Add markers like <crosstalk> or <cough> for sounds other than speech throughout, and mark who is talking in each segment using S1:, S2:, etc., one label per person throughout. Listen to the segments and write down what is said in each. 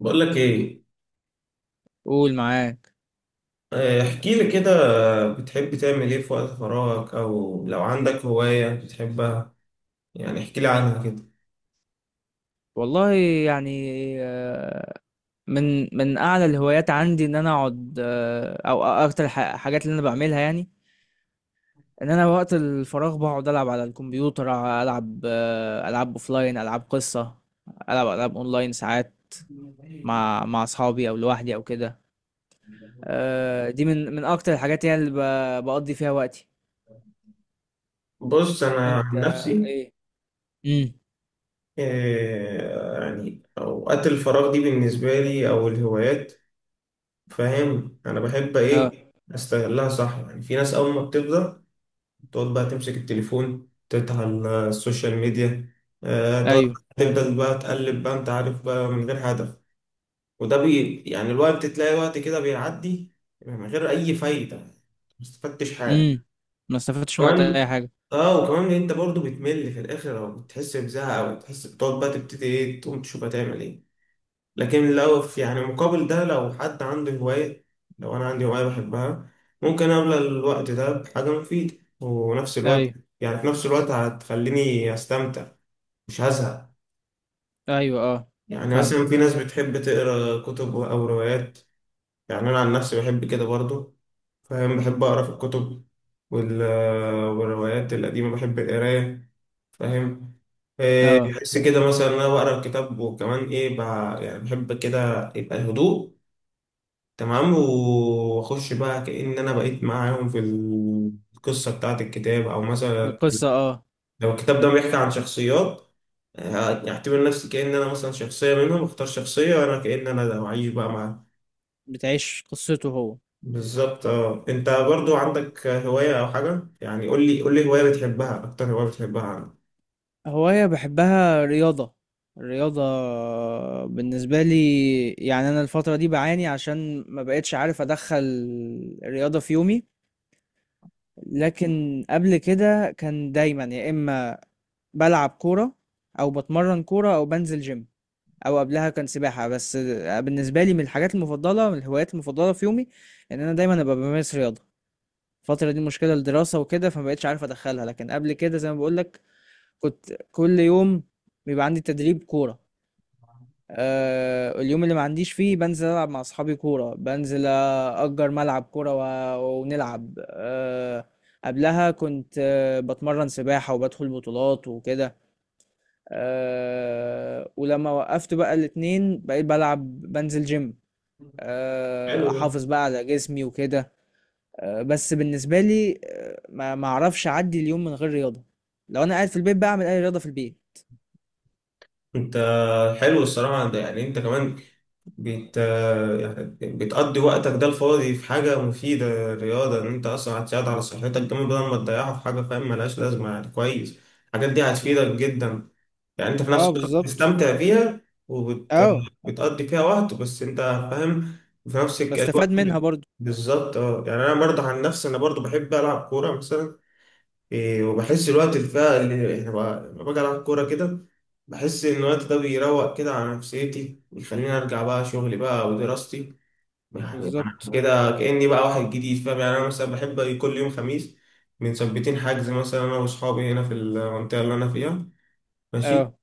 S1: بقول لك ايه.
S2: قول معاك.
S1: احكي لي كده. بتحب تعمل ايه في وقت فراغك او لو عندك هواية بتحبها؟ احكي لي عنها كده.
S2: والله، يعني، آه، من اعلى الهوايات عندي ان انا اقعد، او اكتر حاجات اللي انا بعملها، يعني ان انا وقت الفراغ بقعد العب على الكمبيوتر. العب، العاب اوفلاين، العاب قصة. العب العاب اونلاين ساعات مع اصحابي او لوحدي او كده. دي من اكتر الحاجات، يعني اللي بقضي فيها وقتي.
S1: بص انا
S2: وانت
S1: عن نفسي،
S2: ايه؟ امم.
S1: اوقات الفراغ دي بالنسبة لي او الهوايات، فاهم انا بحب
S2: اه.
S1: ايه استغلها صح. يعني في ناس اول ما بتبدأ تقعد بقى تمسك التليفون، تفتح السوشيال ميديا، تقعد
S2: ايوه.
S1: تفضل بقى تقلب بقى، انت عارف بقى، من غير هدف. وده بي يعني الوقت، تلاقي وقت كده بيعدي من غير أي فايدة. ما استفدتش حاجة
S2: امم. ما استفدتش من وقت
S1: كمان.
S2: اي حاجة.
S1: اه، وكمان إن انت برضو بتمل في الاخر، او بتحس بزهق، او بتحس بتقعد بقى تبتدي ايه، تقوم تشوف هتعمل ايه. لكن لو في يعني مقابل ده، لو حد عنده هواية، لو انا عندي هواية بحبها، ممكن املى الوقت ده بحاجة مفيدة، ونفس الوقت
S2: ايوه.
S1: يعني في نفس الوقت هتخليني استمتع، مش هزهق.
S2: ايوه، اه.
S1: يعني مثلا في
S2: فاهمك.
S1: ناس بتحب تقرا كتب او روايات. يعني انا عن نفسي بحب كده برضو، فاهم، بحب أقرأ في الكتب وال... والروايات القديمة، بحب القراية، فاهم؟ إيه،
S2: اه،
S1: بحس كده مثلا إن أنا بقرأ الكتاب، وكمان إيه بقى، يعني بحب كده يبقى الهدوء تمام، وأخش بقى كأن أنا بقيت معاهم في القصة بتاعة الكتاب. أو مثلا
S2: القصة. اه،
S1: لو الكتاب ده بيحكي عن شخصيات، أعتبر نفسي كأن أنا مثلا شخصية منهم، أختار شخصية وأنا كأن أنا ده، وأعيش بقى مع...
S2: بتعيش قصته هو.
S1: بالظبط. اه، انت برضو عندك هواية او حاجة؟ يعني قول لي هواية بتحبها، اكتر هواية بتحبها عندك.
S2: هواية بحبها، رياضة. الرياضة بالنسبة لي، يعني أنا الفترة دي بعاني عشان ما بقتش عارف أدخل الرياضة في يومي. لكن قبل كده كان دايما، يا إما بلعب كورة، أو بتمرن كورة، أو بنزل جيم، أو قبلها كان سباحة. بس بالنسبة لي من الحاجات المفضلة، من الهوايات المفضلة في يومي، إن أنا دايما أبقى بمارس رياضة. الفترة دي مشكلة الدراسة وكده، فما بقتش عارف أدخلها، لكن قبل كده زي ما بقولك كنت كل يوم بيبقى عندي تدريب كورة. اليوم اللي ما عنديش فيه بنزل ألعب مع أصحابي كورة، بنزل أجر ملعب كورة ونلعب. قبلها كنت بتمرن سباحة، وبدخل بطولات وكده. ولما وقفت بقى الاتنين، بقيت بلعب، بنزل جيم.
S1: حلو ده.
S2: أحافظ بقى على جسمي وكده. بس بالنسبة لي، ما أعرفش أعدي اليوم من غير رياضة. لو أنا قاعد في البيت بعمل أي رياضة في البيت.
S1: انت حلو الصراحة ده. يعني انت كمان بت يعني بتقضي وقتك ده الفاضي في حاجة مفيدة، رياضة، ان انت اصلا هتساعد على صحتك جامد بدل ما تضيعها في حاجة فاهم ملهاش لازمة، يعني كويس. الحاجات دي هتفيدك جدا، يعني انت في
S2: اه،
S1: نفس الوقت
S2: بالظبط.
S1: بتستمتع بيها
S2: اه،
S1: وبتقضي فيها وقت، بس انت فاهم في نفس
S2: بستفاد
S1: الوقت
S2: منها برضو.
S1: بالظبط. اه، يعني انا برضه عن نفسي انا برضه بحب العب كوره مثلا. إيه، وبحس الوقت اللي فيها، اللي يعني لما باجي العب كوره كده، بحس ان الوقت ده بيروق كده على نفسيتي، ويخليني ارجع بقى شغلي بقى ودراستي، يعني انا
S2: بالظبط،
S1: كده كاني بقى واحد جديد، فاهم؟ يعني انا مثلا بحب كل يوم خميس بنثبتين حجز مثلا انا واصحابي هنا في المنطقه اللي انا فيها، ماشي،
S2: اه.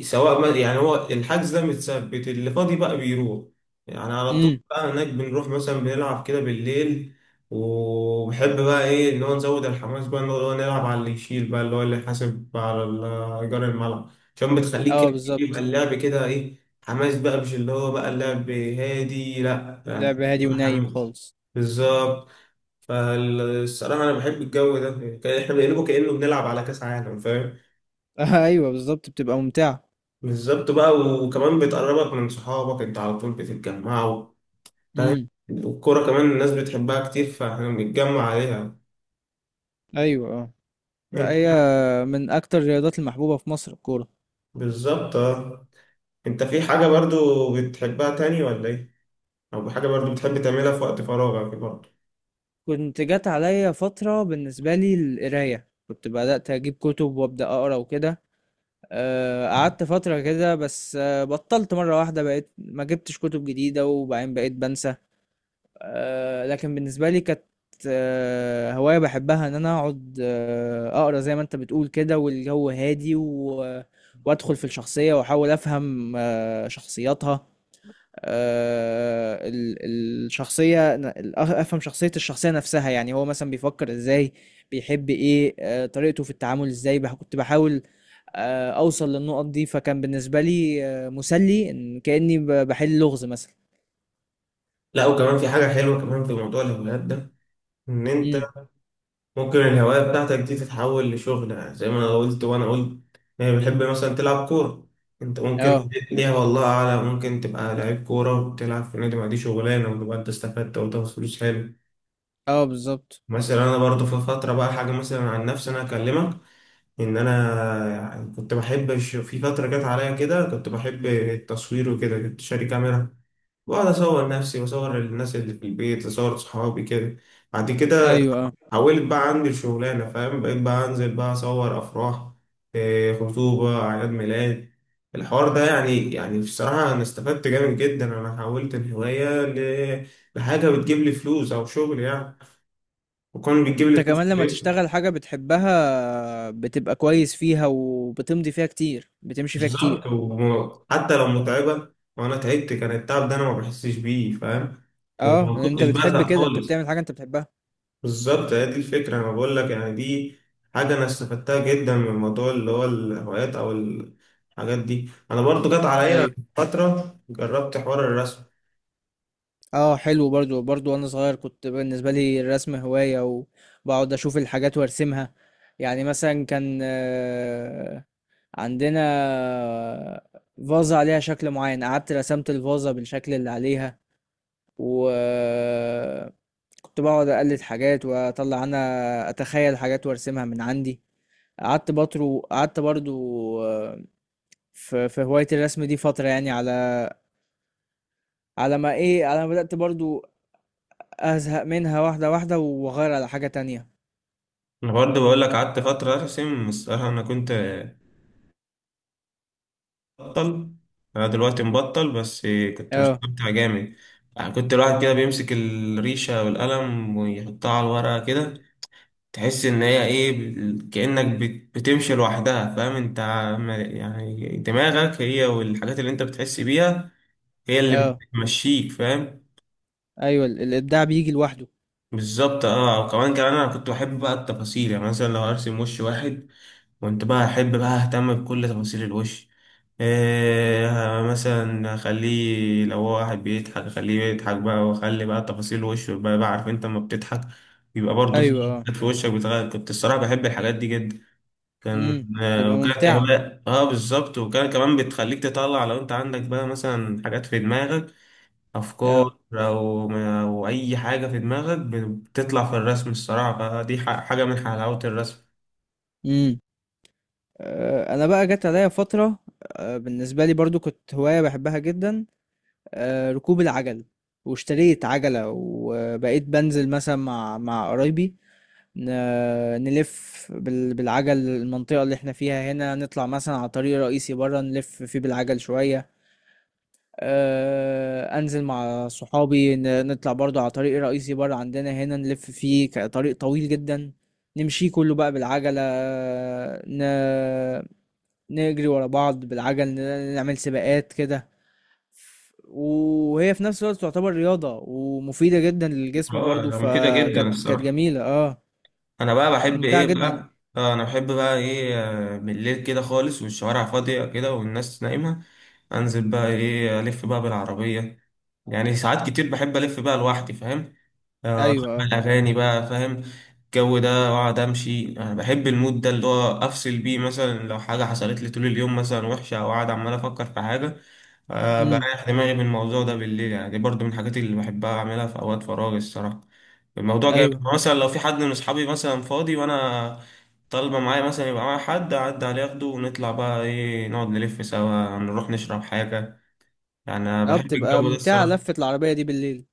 S1: سواء ما يعني هو الحجز ده متثبت، اللي فاضي بقى بيروح يعني على
S2: امم.
S1: طول بقى هناك. بنروح مثلا بنلعب كده بالليل، وبحب بقى ايه ان هو نزود الحماس بقى ان هو نلعب على اللي يشيل بقى، اللي هو اللي حاسب على ايجار الملعب، عشان بتخليك
S2: اه،
S1: كده إيه، يبقى
S2: بالظبط.
S1: اللعب كده ايه، حماس بقى، مش اللي هو بقى اللعب هادي لا،
S2: لعب
S1: يعني
S2: هادي
S1: يبقى
S2: ونايم
S1: حماس.
S2: خالص.
S1: بالظبط. فالصراحة أنا بحب الجو ده. إحنا بنقلبه كأنه بنلعب على كأس عالم.
S2: <laughs> آه، ايوه، بالظبط، بتبقى ممتعة.
S1: بالظبط بقى، وكمان بتقربك من صحابك، انت على طول بتتجمعوا، فاهم؟
S2: امم.
S1: والكورة كمان الناس بتحبها كتير، فاحنا بنتجمع عليها.
S2: ايوه، اه. لا،
S1: انت
S2: هي من اكتر الرياضات المحبوبة في مصر، الكورة.
S1: بالظبط. اه، انت في حاجة برضو بتحبها تاني ولا ايه؟ او حاجة برضو بتحب تعملها في وقت فراغك برضو؟
S2: كنت جات عليا فترة بالنسبة لي القراية، كنت بدأت اجيب كتب وابدأ اقرا وكده. قعدت فترة كده بس، بطلت مرة واحدة، بقيت ما جبتش كتب جديدة، وبعدين بقيت بنسى. لكن بالنسبة لي كانت هواية بحبها، إن أنا أقعد أقرأ زي ما أنت بتقول كده، والجو هادي وأدخل في الشخصية، وأحاول أفهم شخصياتها. الشخصية، أفهم شخصية الشخصية نفسها. يعني هو مثلا بيفكر إزاي، بيحب إيه، طريقته في التعامل إزاي. كنت بحاول أوصل للنقط دي. فكان بالنسبة لي مسلي، إن كأني بحل لغز مثلا.
S1: لا، وكمان في حاجة حلوة كمان في موضوع الهوايات ده، ان انت
S2: امم.
S1: ممكن الهواية بتاعتك دي تتحول لشغل. يعني زي ما أنا قلت وأنا قلت، يعني بتحب مثلا تلعب كورة، أنت ممكن
S2: اه.
S1: ليها والله أعلم ممكن تبقى لعيب كورة وتلعب في نادي، ما دي شغلانة، وتبقى أنت استفدت وتاخد فلوس، حلو.
S2: اه، بالظبط.
S1: مثلا أنا برضه في فترة بقى حاجة مثلا عن نفسي أنا أكلمك، إن أنا يعني كنت بحب في فترة جت عليا كده كنت بحب التصوير وكده، كنت شاري كاميرا، بقعد أصور نفسي، وأصور الناس اللي في البيت، أصور صحابي كده. بعد كده
S2: ايوه، اه.
S1: حولت بقى عندي الشغلانة، فاهم، بقيت بقى أنزل بقى أصور أفراح إيه، خطوبة، أعياد ميلاد، الحوار ده. يعني يعني بصراحة أنا استفدت جامد جدا، أنا حولت الهواية لحاجة بتجيب لي فلوس، أو شغل يعني، وكان بتجيب
S2: انت
S1: لي فلوس
S2: كمان لما
S1: كويسة.
S2: تشتغل حاجة بتحبها، بتبقى كويس فيها، وبتمضي فيها كتير، بتمشي فيها كتير.
S1: بالظبط، وحتى لو متعبة وأنا تعبت، كان التعب ده أنا ما بحسش بيه، فاهم،
S2: اه،
S1: وما
S2: لأن انت
S1: كنتش
S2: بتحب
S1: بزهق
S2: كده، انت
S1: خالص.
S2: بتعمل حاجة انت بتحبها.
S1: بالظبط، هي دي الفكرة أنا بقول لك، يعني دي حاجة أنا استفدتها جدا من موضوع اللي هو الهوايات أو الحاجات دي. أنا برضو جت عليا
S2: ايوه،
S1: فترة جربت حوار الرسم.
S2: اه، حلو. برضو وانا صغير كنت بالنسبة لي الرسم هواية، وبقعد اشوف الحاجات وارسمها. يعني مثلا كان عندنا فازة عليها شكل معين، قعدت رسمت الفازة بالشكل اللي عليها. وكنت بقعد أقلد حاجات، وأطلع أنا أتخيل حاجات وأرسمها من عندي. قعدت بطرو، قعدت برضو آه، في هواية الرسم دي فترة، يعني على ما إيه، على ما بدأت برضو أزهق منها، واحدة واحدة، وأغير على حاجة تانية.
S1: أنا برضو بقول لك قعدت فترة أرسم، الصراحة أنا كنت بطل، أنا دلوقتي مبطل، بس كنت
S2: اه.
S1: مستمتع جامد. يعني كنت الواحد كده بيمسك الريشة والقلم ويحطها على الورقة كده، تحس ان هي ايه كأنك بتمشي لوحدها، فاهم انت يعني دماغك هي والحاجات اللي انت بتحس بيها هي اللي
S2: اه،
S1: بتمشيك، فاهم؟
S2: أيوة. الإبداع بيجي لوحده.
S1: بالظبط. اه، وكمان انا كنت بحب بقى التفاصيل. يعني مثلا لو ارسم وش واحد، كنت بقى احب بقى اهتم بكل تفاصيل الوش. إيه، مثلا اخليه لو هو واحد بيضحك، اخليه يضحك بقى، واخلي بقى تفاصيل وشه بقى. بقى عارف انت لما بتضحك بيبقى برضه في
S2: أيوة، اه.
S1: حاجات في وشك بتغير. كنت الصراحة بحب الحاجات دي جدا. كان
S2: امم. بتبقى
S1: وكانت
S2: ممتعة.
S1: هواية، اه بالظبط، وكان كمان بتخليك تطلع لو انت عندك بقى مثلا حاجات في دماغك،
S2: اه.
S1: افكار او اي حاجة في دماغك بتطلع في الرسم الصراحة، فدي حاجة من حلاوة الرسم.
S2: امم. أنا بقى جت عليا فترة، بالنسبة لي برضو كنت هواية بحبها جدا، ركوب العجل. واشتريت عجلة، وبقيت بنزل مثلا مع قرايبي، نلف بالعجل المنطقة اللي احنا فيها هنا، نطلع مثلا على طريق رئيسي برا نلف فيه بالعجل شوية. انزل مع صحابي، نطلع برضو على طريق رئيسي برا عندنا هنا، نلف فيه، طريق طويل جدا، نمشي كله بقى بالعجلة. ن... نجري ورا بعض بالعجل، نعمل سباقات كده. وهي في نفس الوقت تعتبر رياضة ومفيدة جدا للجسم
S1: اه
S2: برضو،
S1: مفيدة جدا
S2: فكانت
S1: الصراحة.
S2: جميلة، اه.
S1: انا بقى
S2: كانت
S1: بحب
S2: ممتعة
S1: ايه
S2: جدا.
S1: بقى، اه انا بحب بقى ايه، بالليل كده خالص والشوارع فاضية كده والناس نايمة، انزل بقى ايه الف بقى بالعربية. يعني ساعات كتير بحب الف بقى لوحدي، فاهم،
S2: ايوه، اه.
S1: اشغل اغاني بقى، فاهم الجو ده، واقعد امشي. انا بحب المود ده، اللي هو افصل بيه مثلا لو حاجه حصلت لي طول اليوم مثلا وحشه، او قاعد عمال افكر في حاجه، أه
S2: امم.
S1: بريح دماغي من الموضوع ده بالليل. يعني دي برضو من الحاجات اللي بحبها اعملها في اوقات فراغي الصراحه. الموضوع جامد.
S2: ايوه،
S1: يعني مثلا لو في حد من اصحابي مثلا فاضي وانا طالبه معايا مثلا، يبقى معايا حد اعدي عليه اخده، ونطلع بقى ايه نقعد نلف سوا، نروح نشرب حاجه. يعني أنا
S2: اه.
S1: بحب
S2: بتبقى
S1: الجو ده
S2: ممتعة
S1: الصراحه.
S2: لفة العربية دي بالليل،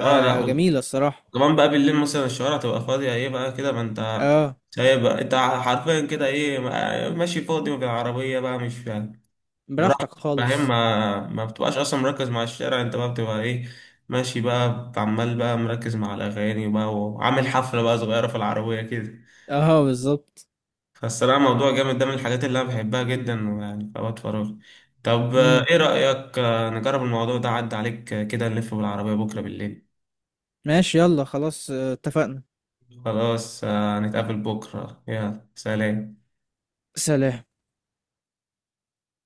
S1: اه لا،
S2: جميلة الصراحة.
S1: كمان بقى بالليل مثلا الشوارع تبقى فاضية ايه بقى كده، ما انت
S2: اه،
S1: شايف بقى، انت حرفيا كده ايه ماشي فاضي بالعربية بقى، مش فاهم،
S2: براحتك
S1: براحتك، فاهم
S2: خالص.
S1: ما بتبقاش اصلا مركز مع الشارع، انت بقى بتبقى ايه ماشي بقى، عمال بقى مركز مع الاغاني بقى، وعامل حفلة بقى صغيرة في العربية كده.
S2: اه، بالظبط.
S1: فالصراحة موضوع جامد ده، من الحاجات اللي انا بحبها جدا ويعني في اوقات فراغي. طب
S2: امم.
S1: ايه رأيك نجرب الموضوع ده عدى عليك كده، نلف بالعربية بكرة بالليل؟
S2: ماشي، يلا، خلاص، اتفقنا.
S1: خلاص نتقابل بكرة، يلا سلام.
S2: سلام.